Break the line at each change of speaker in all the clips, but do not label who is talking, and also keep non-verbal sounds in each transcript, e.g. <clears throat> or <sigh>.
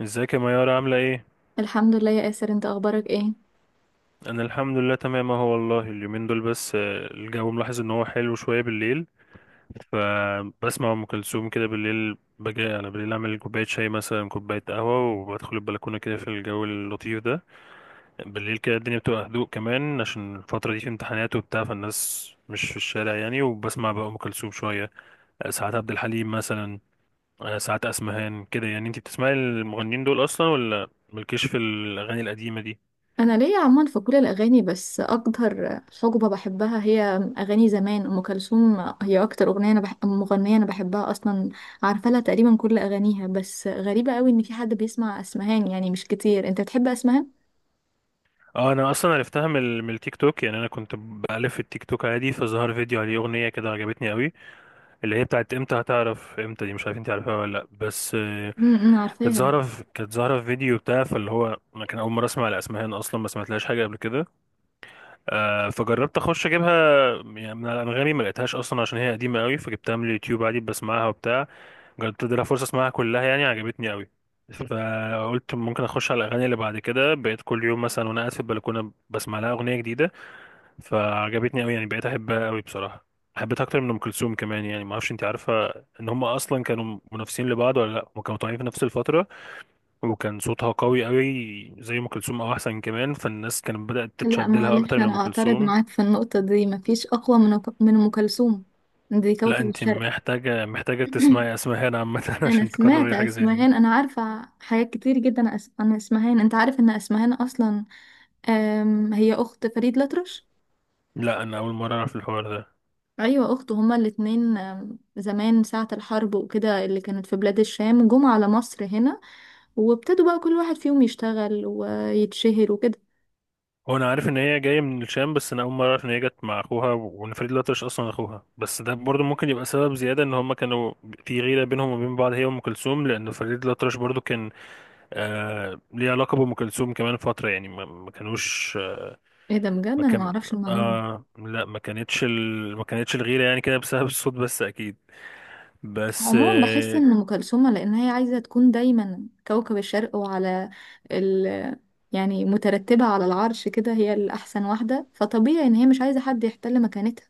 ازيك يا ميارة، عاملة ايه؟
الحمد لله يا آسر، انت اخبارك ايه؟
انا الحمد لله تمام اهو، والله اليومين دول بس الجو ملاحظ ان هو حلو شوية بالليل. فبسمع ام كلثوم كده بالليل، بجي انا بالليل اعمل كوباية شاي مثلا، كوباية قهوة، وبدخل البلكونة كده في الجو اللطيف ده. بالليل كده الدنيا بتبقى هدوء، كمان عشان الفترة دي في امتحانات وبتاع، فالناس مش في الشارع يعني، وبسمع بقى ام كلثوم شوية. ساعات عبد الحليم مثلا. ساعات اسمهان كده. يعني انتي بتسمعي المغنيين دول اصلا، ولا مالكيش في الاغاني القديمة دي؟
انا ليا عموما في كل الاغاني، بس اكتر حقبه بحبها هي اغاني زمان ام كلثوم. هي اكتر مغنيه انا بحبها اصلا. عارفه لها تقريبا كل اغانيها، بس غريبه قوي ان في حد بيسمع اسمهان. يعني مش كتير، انت بتحب اسمهان؟
اه، انا اصلا عرفتها من من التيك توك، يعني انا كنت بألف في التيك توك عادي، فظهر فيديو عليه اغنيه كده عجبتني قوي، اللي هي بتاعت امتى هتعرف، امتى دي مش عارف انت عارفها ولا لا، بس كانت
عارفاها.
ظاهره كانت ظاهره في فيديو بتاع، فاللي هو انا كان اول مره اسمع الاسمهان اصلا، ما سمعتلهاش حاجه قبل كده. فجربت اخش اجيبها، يعني من على انغامي ما لقيتهاش اصلا عشان هي قديمه قوي، فجبتها من اليوتيوب عادي، بسمعها وبتاع. جربت ادي لها فرصه اسمعها كلها يعني، عجبتني قوي، فقلت ممكن اخش على الاغاني اللي بعد كده، بقيت كل يوم مثلا وانا قاعد في البلكونه بسمع لها اغنيه جديده. فعجبتني قوي يعني، بقيت احبها قوي بصراحه. حبيتها اكتر من ام كلثوم كمان، يعني ما اعرفش انت عارفه ان هم اصلا كانوا منافسين لبعض ولا لا. هم كانوا طالعين في نفس الفتره، وكان صوتها قوي قوي زي ام كلثوم او احسن كمان، فالناس كانت بدات
لا
تتشد لها
معلش،
اكتر من
انا
ام
اعترض
كلثوم.
معاك في النقطه دي، مفيش اقوى من ام كلثوم. دي
لا،
كوكب
انت
الشرق.
محتاجه
<clears throat>
تسمعي اسمهان عامه <laughs>
انا
عشان
سمعت
تكرري حاجه زي دي.
اسمهان، انا عارفه حاجات كتير جدا عن اسمهان. انت عارف ان اسمهان اصلا، هي اخت فريد الأطرش.
لا، انا اول مره اعرف الحوار ده.
ايوه، اخته. هما الاتنين، زمان ساعه الحرب وكده، اللي كانت في بلاد الشام، جم على مصر هنا. وابتدوا بقى كل واحد فيهم يشتغل ويتشهر وكده.
هو انا عارف ان هي جايه من الشام، بس انا اول مره اعرف ان هي جت مع اخوها وان فريد الأطرش اصلا اخوها، بس ده برضو ممكن يبقى سبب زياده ان هما كانوا في غيره بينهم وبين بعض، هي وام كلثوم، لان فريد الأطرش برضو كان ليه علاقه بام كلثوم كمان فتره، يعني ما كانوش،
ايه ده بجد!
ما
انا
كان.
معرفش المعلومه.
لا، ما كانتش ما كانتش الغيره يعني كده بسبب الصوت بس، اكيد. بس
عموما بحس ان ام كلثوم لان هي عايزه تكون دايما كوكب الشرق، وعلى ال يعني مترتبه على العرش كده، هي الاحسن واحده. فطبيعي ان هي مش عايزه حد يحتل مكانتها.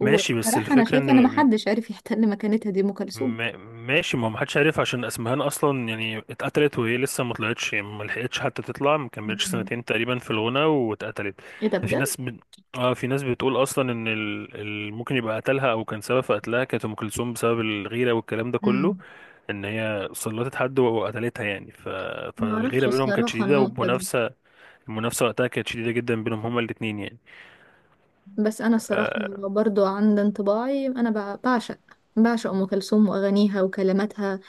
ماشي، بس
انا
الفكره ان
شايفه ان محدش عارف يحتل مكانتها، دي ام كلثوم.
ماشي، ما محدش عارف عشان اسمهان اصلا يعني اتقتلت وهي لسه ما طلعتش، يعني ما لحقتش حتى تطلع، ما كملتش
مم.
سنتين تقريبا في الغنى واتقتلت.
ايه ده
ففي
بجد!
ناس ب... اه، في ناس بتقول اصلا ان ممكن يبقى قتلها او كان سبب في قتلها كانت ام كلثوم، بسبب الغيره والكلام ده كله، ان هي سلطت حد وقتلتها يعني.
ما اعرفش
فالغيره بينهم كانت
الصراحه
شديده،
النقطه دي.
والمنافسه وقتها كانت شديده جدا بينهم هما الاثنين يعني.
بس انا الصراحه،
اه
برضو عند انطباعي، انا بعشق ام كلثوم واغانيها وكلماتها.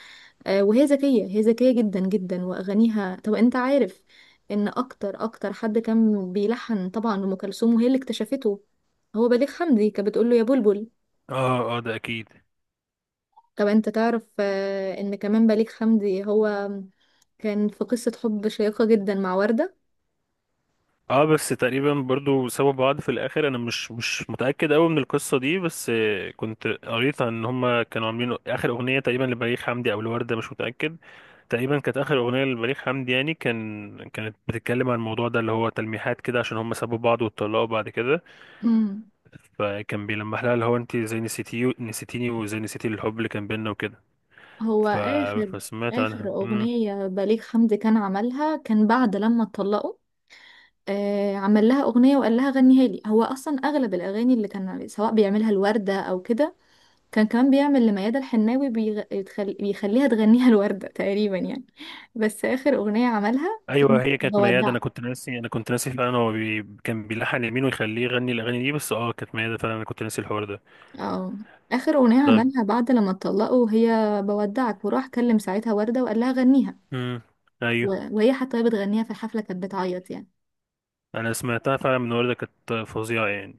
وهي ذكيه، هي ذكيه جدا جدا. واغانيها، طب انت عارف ان اكتر اكتر حد كان بيلحن طبعا ام كلثوم وهي اللي اكتشفته هو بليغ حمدي. كانت بتقول له يا بلبل.
اه، ده اكيد.
طب انت تعرف ان كمان بليغ حمدي هو كان في قصه حب شيقه جدا مع ورده.
اه، بس تقريبا برضو سابوا بعض في الاخر، انا مش متاكد قوي من القصه دي، بس كنت قريت ان هما كانوا عاملين اخر اغنيه تقريبا لبليغ حمدي او الورده، مش متاكد، تقريبا كانت اخر اغنيه لبليغ حمدي، يعني كانت بتتكلم عن الموضوع ده اللي هو تلميحات كده عشان هما سابوا بعض واتطلقوا بعد كده.
<clears throat> مم.
فكان بيلمح لها اللي هو انت زي نسيتيني، وزي نسيتي الحب اللي كان بينا وكده.
هو
ف...
اخر
فسمعت
اخر
عنها.
اغنيه بليغ حمدي كان عملها، كان بعد لما اتطلقوا. عمل لها أغنية وقال لها غنيها لي. هو أصلا أغلب الأغاني اللي كان سواء بيعملها الوردة أو كده، كان كمان بيعمل لميادة الحناوي، بيخليها تغنيها <laughs> الوردة تقريبا يعني. بس آخر أغنية عملها
ايوه،
كانت
هي كانت ميادة،
بودعك.
انا كنت ناسي، فعلا. هو كان بيلحن يمين ويخليه يغني الاغاني دي، بس اه كانت ميادة فعلا، انا كنت ناسي الحوار ده.
اه، آخر أغنية
طب.
عملها بعد لما اتطلقوا هي بودعك. وراح كلم ساعتها وردة وقال لها غنيها.
امم
و...
ايوه.
وهي حتى وهي بتغنيها في الحفلة كانت بتعيط يعني.
انا سمعتها فعلا من وردة، كانت فظيعة يعني.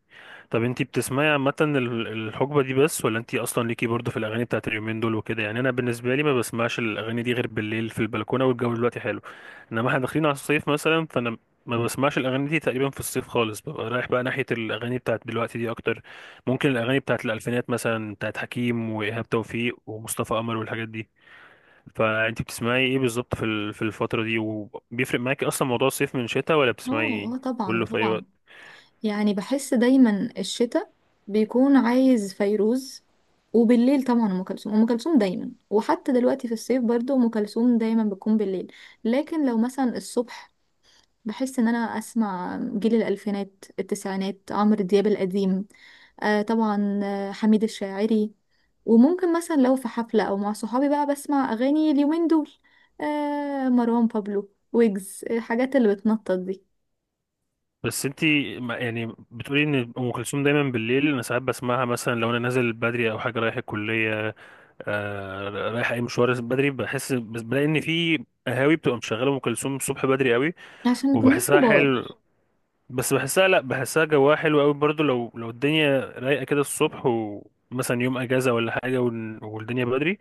طب انتي بتسمعي عامة الحقبة دي بس، ولا انتي اصلا ليكي برضو في الاغاني بتاعت اليومين دول وكده؟ يعني انا بالنسبة لي ما بسمعش الاغاني دي غير بالليل في البلكونة، والجو دلوقتي حلو، انما احنا داخلين على الصيف مثلا، فانا ما بسمعش الاغاني دي تقريبا في الصيف خالص، ببقى رايح بقى ناحية الاغاني بتاعت دلوقتي دي اكتر، ممكن الاغاني بتاعت الالفينات مثلا، بتاعت حكيم وايهاب توفيق ومصطفى قمر والحاجات دي. فانت بتسمعي ايه بالظبط في في الفترة دي؟ وبيفرق معاكي اصلا موضوع الصيف من الشتاء، ولا
اه،
بتسمعي
اه، طبعا،
كله في اي
طبعا.
وقت؟
يعني بحس دايما الشتاء بيكون عايز فيروز. وبالليل طبعا ام كلثوم، ام كلثوم دايما. وحتى دلوقتي في الصيف برضو ام كلثوم دايما بتكون بالليل. لكن لو مثلا الصبح، بحس ان انا اسمع جيل الالفينات، التسعينات، عمرو دياب القديم. آه طبعا. حميد الشاعري. وممكن مثلا لو في حفلة او مع صحابي بقى، بسمع اغاني اليومين دول. مروان بابلو ويجز، الحاجات اللي بتنطط دي.
بس انت يعني بتقولي ان ام كلثوم دايما بالليل، انا ساعات بسمعها مثلا لو انا نازل بدري او حاجه، رايح الكليه، رايح اي مشوار بدري، بحس، بس بلاقي ان في قهاوي بتبقى مشغله ام كلثوم الصبح بدري قوي،
عشان نكون ناس
وبحسها
كبار.
حلو. بس بحسها، لا، بحسها جواها حلو قوي برضو، لو الدنيا رايقه كده الصبح ومثلا يوم اجازه ولا حاجه، والدنيا بدري،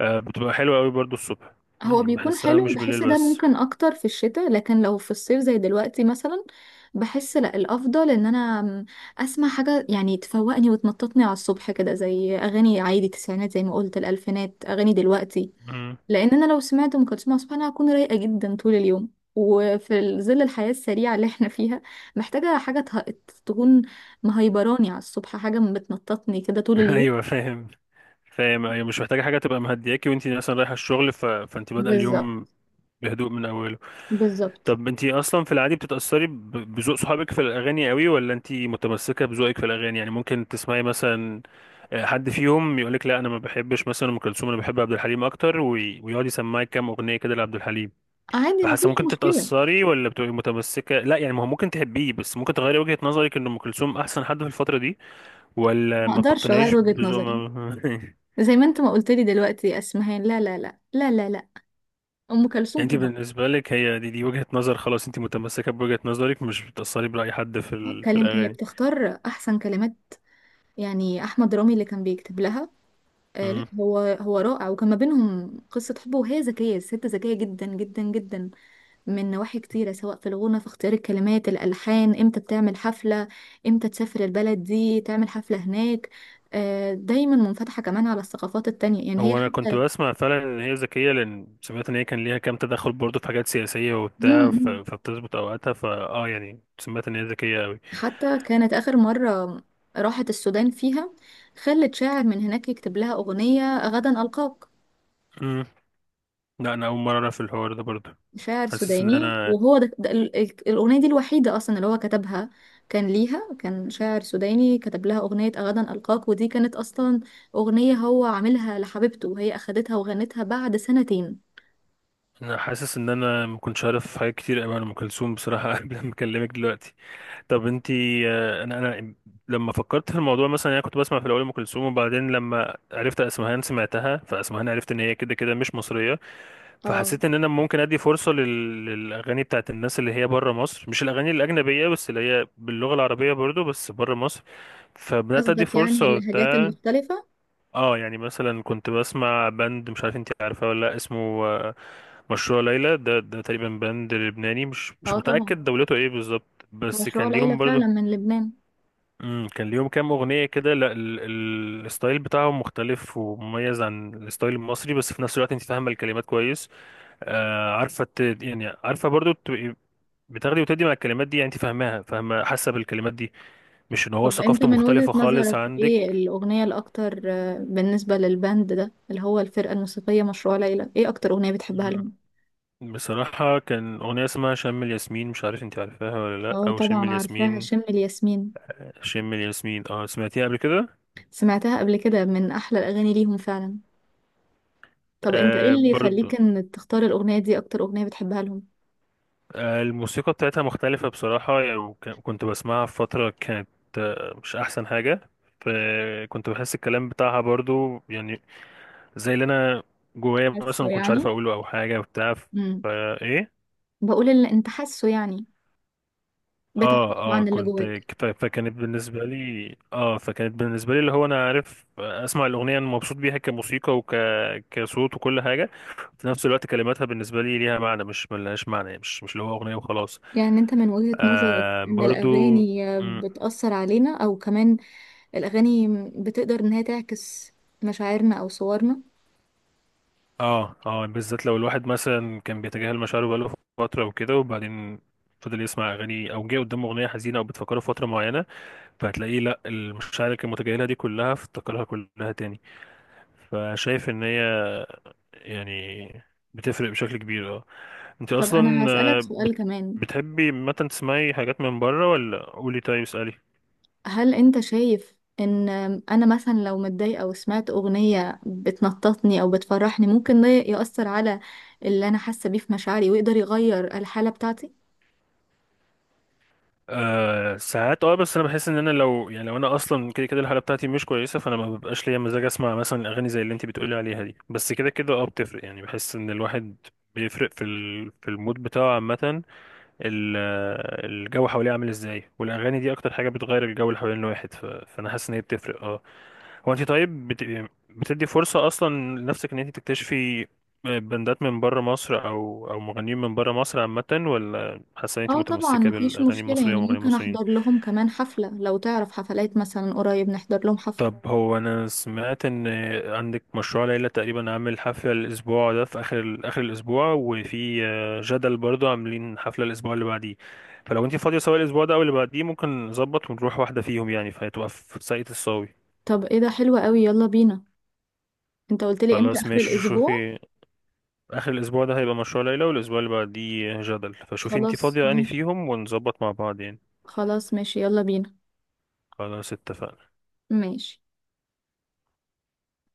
بتبقى حلوة قوي برضو الصبح.
هو
يعني
بيكون
بحسها
حلو،
مش بالليل
بحس ده
بس.
ممكن اكتر في الشتاء. لكن لو في الصيف زي دلوقتي مثلا، بحس لا، الافضل ان انا اسمع حاجه يعني تفوقني وتنططني على الصبح كده، زي اغاني عادي تسعينات، زي ما قلت الالفينات، اغاني دلوقتي.
مم.
لان انا لو سمعت ام كلثوم على الصبح، انا هكون رايقه جدا طول اليوم. وفي ظل الحياه السريعه اللي احنا فيها، محتاجه حاجه تكون مهيبراني على الصبح، حاجه بتنططني كده
<laughs>
طول اليوم.
ايوه، فاهم. فاهم، ايوه، مش محتاجة حاجة تبقى مهدياكي وانتي مثلا رايحة الشغل، فانتي بادئة
بالظبط.
اليوم بهدوء من اوله.
بالظبط.
طب انتي اصلا في العادي بتتأثري بذوق صحابك في الاغاني قوي، ولا انتي متمسكة بذوقك في الاغاني؟ يعني ممكن تسمعي مثلا حد فيهم يقولك لا انا ما بحبش مثلا ام كلثوم، انا بحب عبد الحليم اكتر، ويقعد يسمعك كام اغنية كده لعبد الحليم،
عادي،
فحاسه
مفيش
ممكن
مشكله.
تتأثري ولا بتبقي متمسكة؟ لا يعني، ما هو ممكن تحبيه، بس ممكن تغيري وجهة نظرك ان ام كلثوم احسن حد في الفترة دي، ولا
ما
ما
اقدرش اغير
بتقتنعيش
وجهة
بزو
نظري.
ما... <laughs>
زي ما انت ما قلت لي دلوقتي يا اسمهان، لا، لا، لا، لا، لا، لا. ام
يعني
كلثوم
انت
طبعا.
بالنسبة لك هي دي وجهة نظر خلاص، انت متمسكة بوجهة نظرك، مش بتأثري برأي حد في في
كلام، هي
الأغاني.
بتختار احسن كلمات. يعني احمد رامي اللي كان بيكتب لها. آه لا،
مم.
هو رائع، وكان ما بينهم قصه حب. وهي ذكيه، الست ذكيه جدا جدا جدا. من نواحي كتيره، سواء في الغنى، في اختيار الكلمات، الالحان، امتى بتعمل حفله، امتى تسافر البلد دي تعمل حفله هناك. دايما منفتحه كمان على الثقافات التانية، يعني هي
هو انا كنت
حتى.
بسمع فعلا ان هي ذكية، لان سمعت ان هي كان ليها كام تدخل برضه في حاجات سياسية
مم،
وبتاع،
مم.
فبتظبط اوقاتها، فاه يعني سمعت ان هي ذكية قوي.
حتى كانت آخر مرة راحت السودان فيها، خلت شاعر من هناك يكتب لها أغنية غدا ألقاك.
مم. لا، انا اول مرة اعرف الحوار ده برضه.
شاعر
حاسس ان
سوداني،
انا
وهو ده الأغنية دي الوحيدة أصلا اللي هو كتبها. كان شاعر سوداني كتب لها أغنية غدا ألقاك، ودي كانت أصلا أغنية هو عاملها لحبيبته، وهي أخدتها وغنتها بعد سنتين.
انا حاسس ان انا ما كنتش عارف حاجات كتير قوي عن ام كلثوم بصراحه <laughs> قبل ما اكلمك دلوقتي. طب انتي، انا لما فكرت في الموضوع مثلا يعني، انا كنت بسمع في الاول ام كلثوم، وبعدين لما عرفت اسمهان سمعتها، فاسمهان عرفت ان هي كده كده مش مصريه،
اه،
فحسيت ان انا ممكن ادي فرصه للاغاني بتاعت الناس اللي هي بره مصر، مش الاغاني الاجنبيه بس، اللي هي باللغه العربيه برضو بس بره مصر، فبدات ادي
قصدك
فرصه
يعني اللهجات
وبتاع.
المختلفة.
اه، يعني مثلا كنت بسمع باند، مش عارف انتي عارفاه ولا لا، اسمه آه، مشروع ليلى. ده تقريبا باند لبناني، مش
اه طبعا،
متأكد دولته ايه بالظبط، بس
مشروع
كان ليهم
ليلى
برضو،
فعلا من لبنان.
كان ليهم كام أغنية كده. لا، الستايل بتاعهم مختلف ومميز عن الستايل المصري، بس في نفس الوقت انت فاهمة الكلمات كويس، عارفة يعني عارفة برضو تبقي بتاخدي وتدي مع الكلمات دي، يعني انت فاهماها، فاهمة، حاسة بالكلمات دي، مش ان هو
طب انت
ثقافته
من وجهة
مختلفة خالص
نظرك، ايه
عندك.
الأغنية الأكتر بالنسبة للباند ده، اللي هو الفرقة الموسيقية مشروع ليلى، ايه أكتر أغنية بتحبها لهم؟
مم. بصراحة كان أغنية اسمها شم الياسمين، مش عارف انت عارفاها ولا لأ،
اه
أو شم
طبعا، عارفاها،
الياسمين،
شم الياسمين.
شم الياسمين. اه، سمعتيها قبل كده؟
سمعتها قبل كده، من أحلى الأغاني ليهم فعلا. طب انت ايه اللي
برضو،
يخليك ان تختار الأغنية دي أكتر أغنية بتحبها لهم؟
الموسيقى بتاعتها مختلفة بصراحة يعني، كنت بسمعها في فترة كانت مش أحسن حاجة، فكنت بحس الكلام بتاعها برضو يعني زي اللي أنا جوايا مثلا
حاسه
ما كنتش عارف
يعني؟
أقوله أو حاجة وبتاع.
امم
فإيه،
بقول اللي انت حاسه يعني. بتعبر
اه اه،
عن اللي
كنت
جواك.
ف- فكانت بالنسبة لي اه فكانت بالنسبة لي اللي هو أنا عارف أسمع الأغنية، أنا مبسوط بيها كموسيقى كصوت وكل حاجة، في نفس الوقت كلماتها بالنسبة لي ليها معنى، مش ملهاش معنى يعني، مش اللي هو أغنية وخلاص.
يعني انت من وجهة نظرك ان
برضو.
الأغاني
مم،
بتأثر علينا او كمان الأغاني بتقدر إن هي تعكس مشاعرنا أو صورنا؟
اه اه، بالذات لو الواحد مثلا كان بيتجاهل مشاعره بقاله فترة وكده، وبعدين فضل يسمع أغاني أو جه قدامه أغنية حزينة أو بتفكره في فترة معينة، فهتلاقيه لأ، المشاعر اللي كان متجاهلها دي كلها افتكرها كلها تاني، فشايف إن هي يعني بتفرق بشكل كبير، اه. أنت
طب أنا
أصلا،
هسألك سؤال كمان.
بتحبي مثلا تسمعي حاجات من بره ولا؟ قولي، طيب اسألي.
هل أنت شايف إن أنا مثلا لو متضايقة وسمعت أغنية بتنططني أو بتفرحني، ممكن ده يأثر على اللي أنا حاسة بيه في مشاعري ويقدر يغير الحالة بتاعتي؟
أه، ساعات، اه، بس انا بحس ان انا لو انا اصلا كده كده الحاله بتاعتي مش كويسه، فانا ما ببقاش ليا مزاج اسمع مثلا اغاني زي اللي انت بتقولي عليها دي، بس كده كده اه بتفرق يعني، بحس ان الواحد بيفرق في في المود بتاعه عامه، ال- الجو حواليه عامل ازاي، والاغاني دي اكتر حاجه بتغير الجو اللي حوالين الواحد، فانا حاسس ان هي بتفرق، اه. هو انت طيب بتدي فرصه اصلا لنفسك ان انت تكتشفي بندات من بره مصر او مغنيين من بره مصر عامه، ولا حاسه ان انت
اه طبعا،
متمسكه
مفيش
بالاغاني
مشكلة،
المصريه
يعني
ومغنيين
ممكن
مصريين؟
أحضر لهم كمان حفلة. لو تعرف حفلات مثلا قريب نحضر لهم حفلة.
طب، هو انا سمعت ان عندك مشروع ليلى تقريبا عامل حفلة الاسبوع ده في اخر اخر الاسبوع، وفي جدل برضه عاملين حفلة الاسبوع اللي بعديه، فلو انت فاضية سواء الاسبوع ده او اللي بعديه ممكن نظبط ونروح واحدة فيهم يعني، فهتبقى في ساقية الصاوي.
طب ايه ده، حلو قوي، يلا بينا. انت قلت لي امتى؟
خلاص
اخر
ماشي،
الاسبوع؟
شوفي، اخر الاسبوع ده هيبقى مشروع ليلى والاسبوع اللي بعديه جدل، فشوفي انت
خلاص
فاضية انهي
ماشي.
فيهم ونظبط مع بعض يعني.
خلاص ماشي، يلا بينا.
خلاص اتفقنا
ماشي.